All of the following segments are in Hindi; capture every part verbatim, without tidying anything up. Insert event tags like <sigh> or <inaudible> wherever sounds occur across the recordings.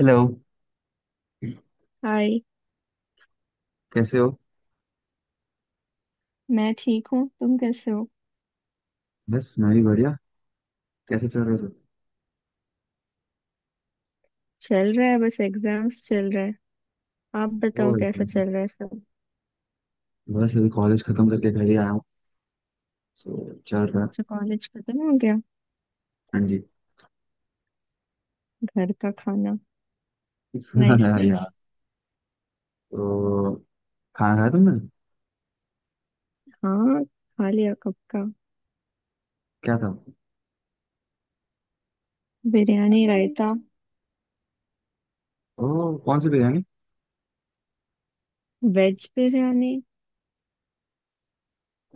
हेलो। हाय। कैसे हो? मैं ठीक हूँ, तुम कैसे हो। बस मैं भी बढ़िया। कैसे चल रहे हो सब? चल रहा है, बस एग्जाम्स चल रहा है। आप ओ बताओ कैसा एकदम। चल रहा है सब। बस अभी कॉलेज खत्म करके घर ही आया हूँ। सो चल रहा अच्छा है। कॉलेज खत्म हो गया। हाँ जी। घर का खाना। <laughs> नाइस हाँ नाइस। यार। तो खाना खाया तुमने? हाँ खा लिया कब का। क्या था? बिरयानी रायता। ओ, कौन सी biryani? Veg biryani.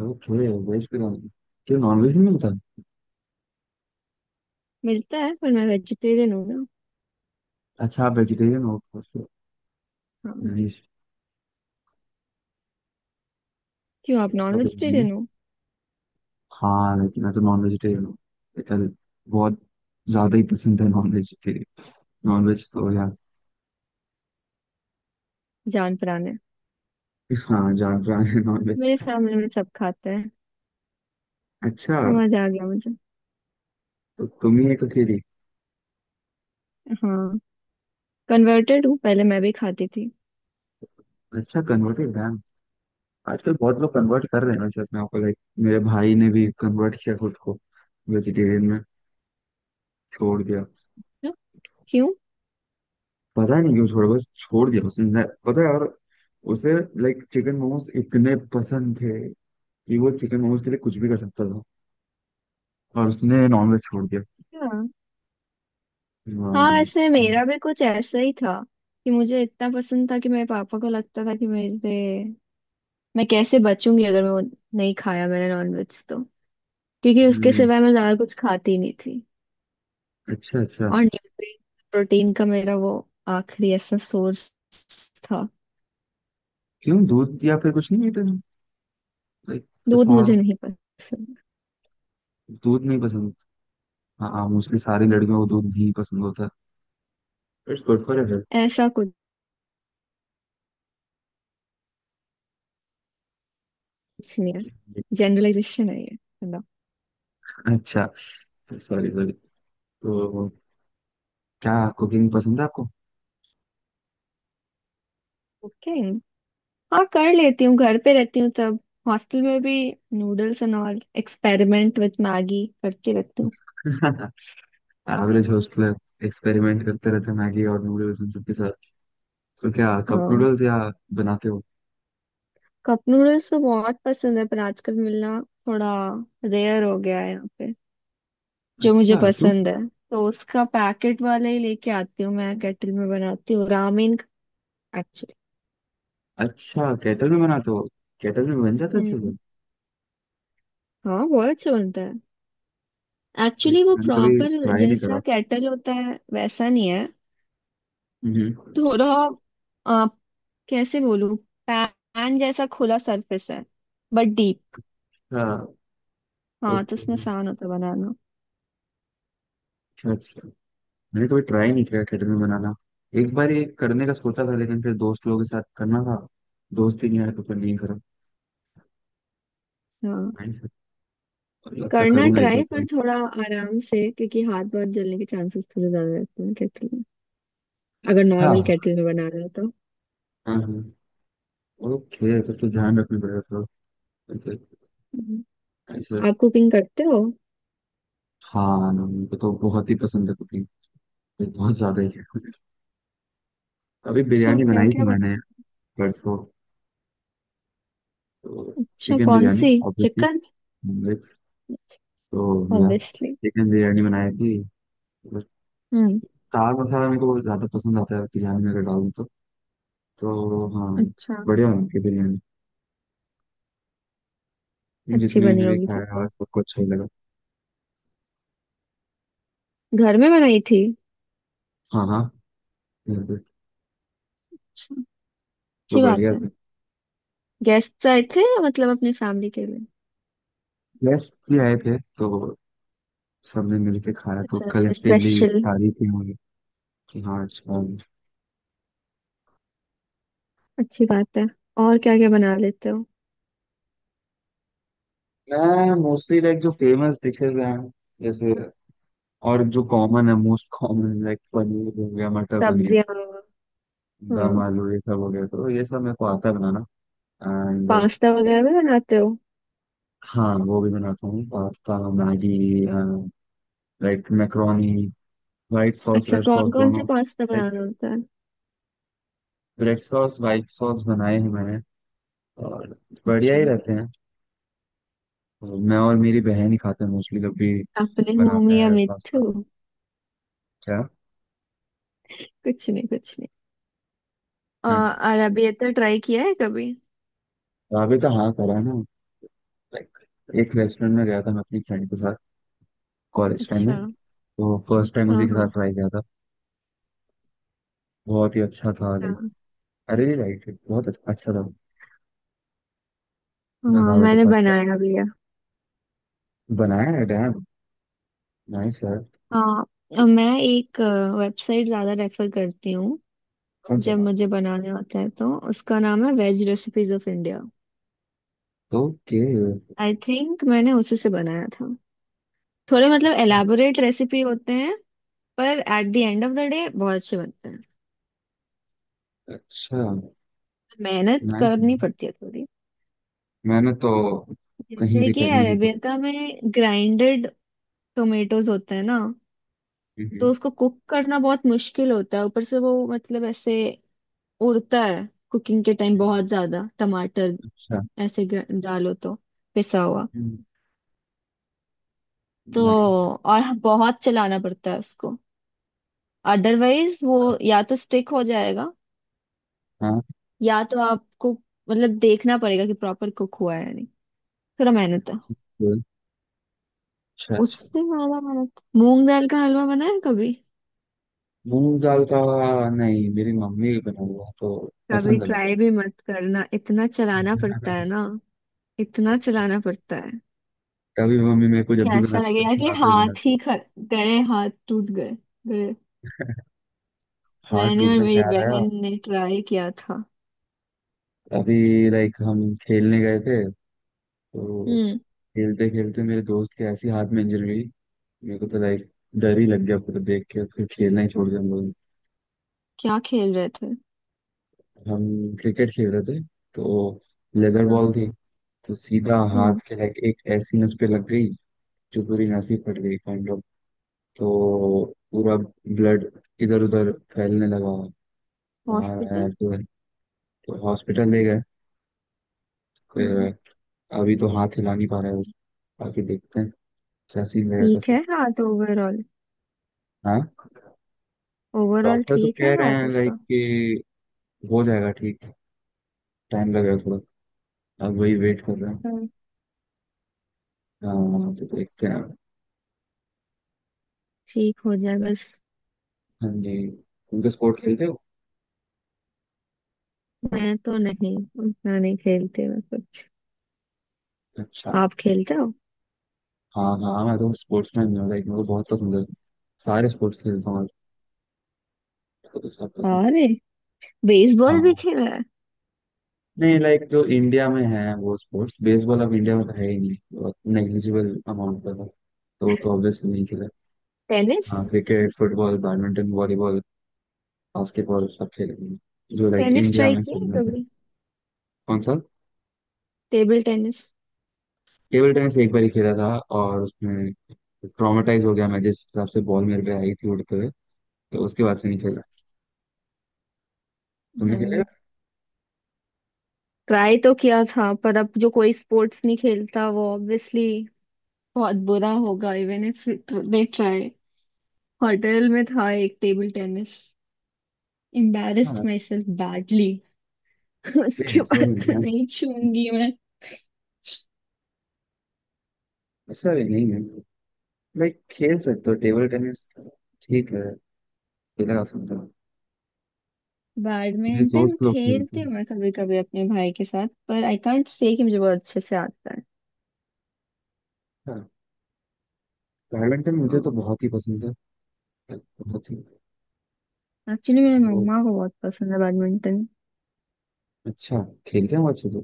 Okay, veg biryani. क्यों, नॉन वेज नहीं मिलता? मिलता है पर मैं वेजिटेरियन हूँ ना। अच्छा, आप वेजिटेरियन हो। हाँ। नाइस। क्यों आप नॉन वेजिटेरियन हो। हाँ, लेकिन मैं तो नॉन वेजिटेरियन हूँ। लेकिन बहुत ज्यादा ही पसंद है नॉन वेजिटेरियन। नॉन वेज तो यार, जान पराने। हाँ, जान पहचान है नॉन वेज। मेरे फैमिली में सब खाते हैं। अच्छा। समझ आ गया मुझे। तो तुम ही एक अकेली। हाँ कन्वर्टेड हूँ, पहले मैं भी खाती थी। अच्छा, कन्वर्टेड, डैम। आजकल बहुत लोग कन्वर्ट कर रहे हैं शायद। मैं आपको लाइक, मेरे भाई ने भी कन्वर्ट किया खुद को वेजिटेरियन में, छोड़ दिया। क्यों। पता नहीं क्यों छोड़ा, बस छोड़ दिया उसने। न- पता है, और उसे लाइक चिकन मोमोज इतने पसंद थे कि वो चिकन मोमोज के लिए कुछ भी कर सकता था, और उसने नॉनवेज छोड़ दिया। वाह। हाँ ऐसे मेरा भी कुछ ऐसा ही था कि मुझे इतना पसंद था कि मेरे पापा को लगता था कि मेरे मैं कैसे बचूंगी अगर मैं वो नहीं खाया मैंने नॉनवेज तो। क्योंकि उसके हम्म, सिवाय मैं ज्यादा कुछ खाती ही नहीं थी। अच्छा अच्छा। और न्यूट्रिएंट प्रोटीन का मेरा वो आखिरी ऐसा सोर्स था। क्यों, दूध या फिर कुछ नहीं पीते? लाइक कुछ दूध और? मुझे नहीं पसंद। दूध नहीं पसंद? हाँ हाँ, मोस्टली सारी लड़कियों को दूध नहीं पसंद होता है। It's good for health. ऐसा कुछ नहीं है, जनरलाइजेशन है ये। अच्छा, सॉरी सॉरी। तो क्या, कुकिंग पसंद है आपको? ओके। हाँ कर लेती हूँ, घर पे रहती हूँ तब। हॉस्टल में भी noodles and all experiment with Maggi करती रहती हूँ। <laughs> एवरेज हॉस्टलर एक्सपेरिमेंट करते रहते हैं मैगी और नूडल्स इन सबके साथ। तो क्या कप हाँ। नूडल्स या बनाते हो? कप नूडल्स तो बहुत पसंद है पर आजकल मिलना थोड़ा रेयर हो गया है यहाँ पे, जो मुझे अच्छा, क्यों? पसंद है। तो उसका पैकेट वाले ही लेके आती हूँ, मैं केटल में बनाती हूँ रामेन, एक्चुअली। अच्छा, केटल में बनाते हो? केटल में बन जाता है अच्छे हम्म। से? हाँ बहुत अच्छा बनता है। लाइक एक्चुअली वो मैंने कभी प्रॉपर ट्राई नहीं जैसा करा। केटल होता है वैसा नहीं है। हम्म, अच्छा। थोड़ा आ, कैसे बोलूँ। पैन जैसा खुला सरफेस है बट डीप। हाँ तो ओके, उसमें आसान होता है बनाना। अच्छा अच्छा। मैंने कभी ट्राई नहीं किया केटल में बनाना। एक बार ये करने का सोचा था, लेकिन फिर दोस्त लोगों के साथ करना था, दोस्त ही नहीं आया तो फिर नहीं हाँ करा। लगता करना करूंगा एक बार ट्राई पर ट्राई। थोड़ा आराम से, क्योंकि हाथ बहुत जलने के चांसेस थोड़े ज्यादा रहते हैं केटल में, अगर नॉर्मल हाँ केटल में बना रहे हो तो। हाँ हाँ, ओके, तो तो ध्यान रखना पड़ेगा थोड़ा। ओके, हम्म। ऐसे। आप कुकिंग करते हो। हाँ, मुझे तो बहुत ही पसंद है कुकिंग। बहुत ज्यादा ही है। अभी अच्छा बिरयानी क्या बनाई क्या थी बन। मैंने परसों तो। अच्छा चिकन कौन बिरयानी सी। ऑब्वियसली। चिकन नॉनवेज तो यार, ऑब्वियसली। चिकन बिरयानी बनाई थी तो। हम्म। दाल मसाला मेरे को बहुत ज्यादा पसंद आता है बिरयानी में, अगर डालूं तो तो हाँ। अच्छा। बढ़िया बनी थी बिरयानी। अच्छी जितने बनी ने भी होगी फिर खाया तो। सबको अच्छा ही लगा। घर में बनाई थी। हाँ हाँ, बिल्कुल। अच्छा। तो अच्छी बात बढ़िया है। था। गेस्ट आए थे या मतलब अपने फैमिली के लिए। गेस्ट भी आए थे, तो सबने मिलके खाया, तो अच्छा। Collectively special. तारीफ ही हुई कि हाँ अच्छा है। अच्छी बात है। और क्या क्या बना लेते हो। मैं मोस्टली लाइक जो फेमस डिशेज हैं, जैसे, और जो कॉमन है, मोस्ट कॉमन, लाइक पनीर हो गया, मटर पनीर, सब्जियां। दम हाँ। आलू, ये सब हो गया, तो ये सब मेरे को आता है बनाना। एंड पास्ता वगैरह भी बनाते हो। हाँ, वो भी बनाता हूँ, pasta, Maggi, like macaroni, white sauce अच्छा रेड सॉस कौन कौन से दोनों। पास्ता लाइक बनाना होता है। रेड सॉस वाइट सॉस बनाए हैं मैंने, और बढ़िया अच्छा। ही रहते हैं। तो मैं और मेरी बहन ही खाते हैं मोस्टली, जब भी अपने मुंह बनाते में या हैं पास्ता। मिट्ठू। क्या? कुछ नहीं कुछ नहीं। आ, हाँ जी। अरबियता ट्राई किया है कभी। ढाबे का, हाँ, करा है ना। लाइक एक रेस्टोरेंट में गया था मैं अपनी फ्रेंड के साथ कॉलेज टाइम अच्छा में, हाँ। तो फर्स्ट टाइम उसी के साथ हाँ। ट्राई किया था। बहुत ही अच्छा था लाइक, हाँ। अरे राइट, बहुत अच्छा अच्छा था। मैं हाँ ढाबे तो मैंने पास्ता बनाया भी है। बनाया है, डैम, नाइस यार। हाँ अ, मैं एक वेबसाइट ज्यादा रेफर करती हूँ, कौन से? जब मुझे बनाने होता है, तो उसका नाम है veg recipes of India. Okay. I think मैंने उसी से बनाया था। थोड़े मतलब एलाबोरेट रेसिपी होते हैं पर at the end of the day बहुत अच्छे बनते हैं। अच्छा, मेहनत नाइस। करनी पड़ती है थोड़ी। मैंने तो कहीं जैसे भी कि करनी ही पड़ी। अरेबियता में ग्राइंडेड टोमेटोज होते हैं ना, हम्म, हम्म, तो उसको कुक करना बहुत मुश्किल होता है, ऊपर से वो मतलब ऐसे उड़ता है कुकिंग के टाइम हम्म। बहुत ज्यादा टमाटर। अच्छा, ऐसे ग्र- डालो तो पिसा हुआ तो। नाइस। और बहुत चलाना पड़ता है उसको, अदरवाइज वो या तो स्टिक हो जाएगा हाँ, या तो आपको मतलब देखना पड़ेगा कि प्रॉपर कुक हुआ है या नहीं। थोड़ा मेहनत है। अच्छा अच्छा। उससे ज्यादा मेहनत मूंग दाल का हलवा, बनाया है कभी। मूंग दाल का? नहीं, मेरी मम्मी के बना हुआ तो कभी पसंद है ना तो। ट्राई भी मत करना, इतना चलाना पड़ता है ना, इतना अच्छा। चलाना पड़ता है <laughs> तभी मम्मी मेरे को कि जब भी बना, ऐसा लगेगा कि बनाते हुए हाथ बनाती है, ही ख- गए, हाथ टूट गए गए। हाथ मैंने और टूटने से मेरी आ रहा है। बहन ने ट्राई किया था। अभी लाइक हम खेलने गए थे, तो हम्म। खेलते खेलते मेरे दोस्त के ऐसी हाथ में इंजरी हुई, मेरे को तो लाइक डर ही लग गया पूरा देख के, फिर खेलना ही छोड़ दिया हम लोग। क्या खेल रहे थे। हम क्रिकेट खेल रहे थे तो, लेदर अच्छा। बॉल थी, तो सीधा हम्म। हाथ के लाइक एक ऐसी नस पे लग गई, जो पूरी नस ही फट गई काइंड, तो पूरा ब्लड इधर उधर फैलने लगा, वहां आया हॉस्पिटल। फिर, तो हॉस्पिटल ले गए फिर। हम्म। अभी तो हाथ हिला नहीं पा रहा है वो। बाकी देखते हैं क्या सीन रहेगा, ठीक कैसा। है हाथ ओवरऑल, हाँ, ओवरऑल डॉक्टर तो ठीक कह है रहे हाथ हैं लाइक उसका। कि हो जाएगा ठीक, टाइम लगेगा थोड़ा। अब वही वेट कर रहे हैं। हाँ। हाँ तो देखते हैं अब। ठीक हो जाए बस। हाँ जी। उनके स्पोर्ट खेलते हो? मैं तो नहीं, उतना नहीं खेलते मैं कुछ। अच्छा। आप खेलते हो। हाँ हाँ, मैं तो स्पोर्ट्स मैन हूँ लाइक, मेरे को बहुत पसंद है, सारे स्पोर्ट्स खेलता हूँ तो सब पसंद। अरे बेसबॉल भी हाँ, खेला है। नहीं, लाइक जो इंडिया में है वो स्पोर्ट्स, बेसबॉल अब इंडिया में तो है ही नहीं, बहुत नेग्लिजिबल अमाउंट का था, तो तो ऑब्वियसली नहीं खेला। टेनिस। हाँ, cricket, football, badminton, volleyball, basketball, सब खेले हैं, जो लाइक टेनिस इंडिया ट्राई में किया है फेमस है। कभी। कौन सा? Table tennis. टेबल टेनिस एक बार ही खेला था, और उसमें ट्रॉमेटाइज हो गया मैं जिस हिसाब से बॉल मेरे पे आई थी उड़ते हुए, तो उसके बाद से नहीं खेला। तुमने खेला? नहीं ट्राई तो किया था पर अब जो कोई स्पोर्ट्स नहीं खेलता वो ऑब्वियसली बहुत बुरा होगा even if they try. Hotel में था एक टेबल टेनिस, एम्बैरेस्ड हाँ, माई सेल्फ बैडली। <laughs> नहीं, उसके ऐसा बाद भी नहीं तो है, नहीं छूंगी मैं। ऐसा भी नहीं है। लाइक खेल सकते हो टेबल टेनिस, ठीक है, खेला जा सकता है। मेरे बैडमिंटन दोस्त लोग खेलते खेलती हैं। हूँ मैं कभी कभी अपने भाई के साथ, पर आई कांट से कि मुझे बहुत अच्छे से आता है। हाँ, बैडमिंटन मुझे तो बहुत ही पसंद है, बहुत ही। एक्चुअली मेरे वो, मम्मा को बहुत पसंद है बैडमिंटन। अच्छा, खेलते हैं वो अच्छे से?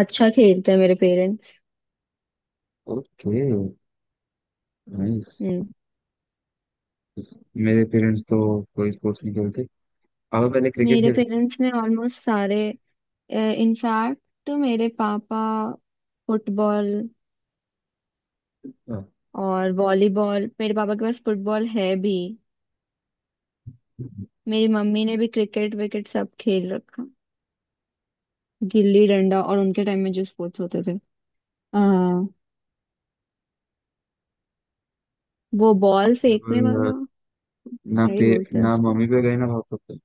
अच्छा खेलते हैं मेरे पेरेंट्स। Okay, nice. मेरे पेरेंट्स तो कोई स्पोर्ट्स नहीं खेलते। पापा पहले क्रिकेट मेरे खेलते थे। पेरेंट्स ने ऑलमोस्ट सारे इनफैक्ट, तो मेरे पापा फुटबॉल हाँ। और वॉलीबॉल, मेरे पापा के पास फुटबॉल है भी। मेरी मम्मी ने भी क्रिकेट विकेट सब खेल रखा, गिल्ली डंडा, और उनके टाइम में जो स्पोर्ट्स होते थे, आ, वो बॉल फेंकने मतलब वाला अ, ना क्या ही पे, बोलते हैं ना उसको। मम्मी पे गए ना पापा पे।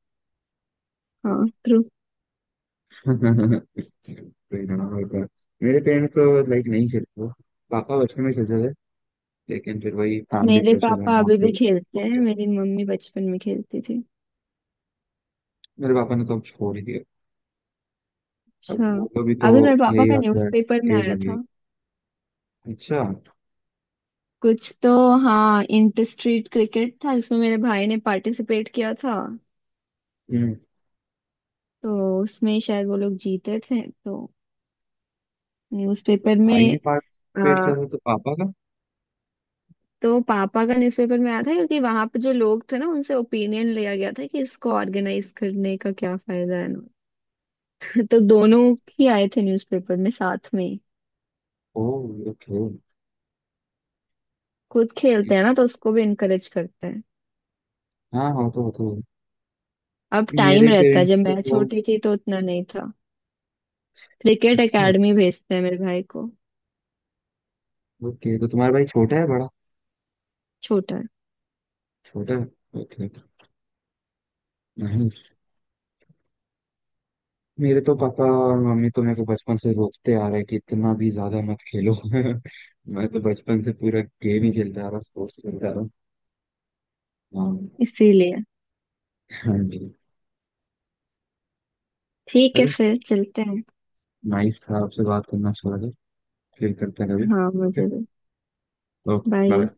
हाँ ट्रू। कोई ना होता। मेरे पेरेंट्स तो लाइक नहीं खेलते थे। पापा बचपन में खेलते थे, लेकिन फिर वही फैमिली मेरे प्रेशर है पापा ना, अभी भी फिर हो खेलते हैं, गया। मेरी मम्मी बचपन में खेलती थी। मेरे पापा ने तो अब छोड़ ही दिया। अब अच्छा। वो भी तो, अभी मेरे पापा यही का आता है, न्यूज़पेपर में एज आया हो गई है। था अच्छा। कुछ तो। हाँ इंटर स्ट्रीट क्रिकेट था जिसमें मेरे भाई ने पार्टिसिपेट किया था, हम्म, तो उसमें शायद वो लोग जीते थे, तो न्यूज़पेपर भाई में ने पार्टिसिपेट आ, किया था तो पापा का। तो पापा का न्यूज़पेपर में आया था क्योंकि वहां पे जो लोग थे ना उनसे ओपिनियन लिया गया था कि इसको ऑर्गेनाइज करने का क्या फायदा है ना। तो दोनों ही आए थे न्यूज़पेपर में साथ में ही। ओह, ओके। खुद खेलते इस, हैं ना तो उसको भी इनकरेज करते हैं। हाँ हाँ, तो होता है। अब टाइम मेरे रहता है, पेरेंट्स जब मैं तो। छोटी थी तो उतना नहीं था। क्रिकेट अच्छा, एकेडमी भेजते हैं मेरे भाई को। ओके, तो तुम्हारा भाई छोटा है बड़ा? छोटा है। छोटा है, ओके, नाइस। मेरे तो पापा और मम्मी तो मेरे को बचपन से रोकते आ रहे हैं कि इतना भी ज्यादा मत खेलो। <laughs> मैं तो बचपन से पूरा गेम ही खेलता आ रहा हूँ, स्पोर्ट्स खेलता आ रहा हूँ। हाँ। इसीलिए हाँ जी। ठीक है चलो, फिर चलते हैं। नाइस था आपसे बात करना, अच्छा लगा, फिर करते हैं कभी। हाँ ओके, मुझे भी। Okay bye. बाय।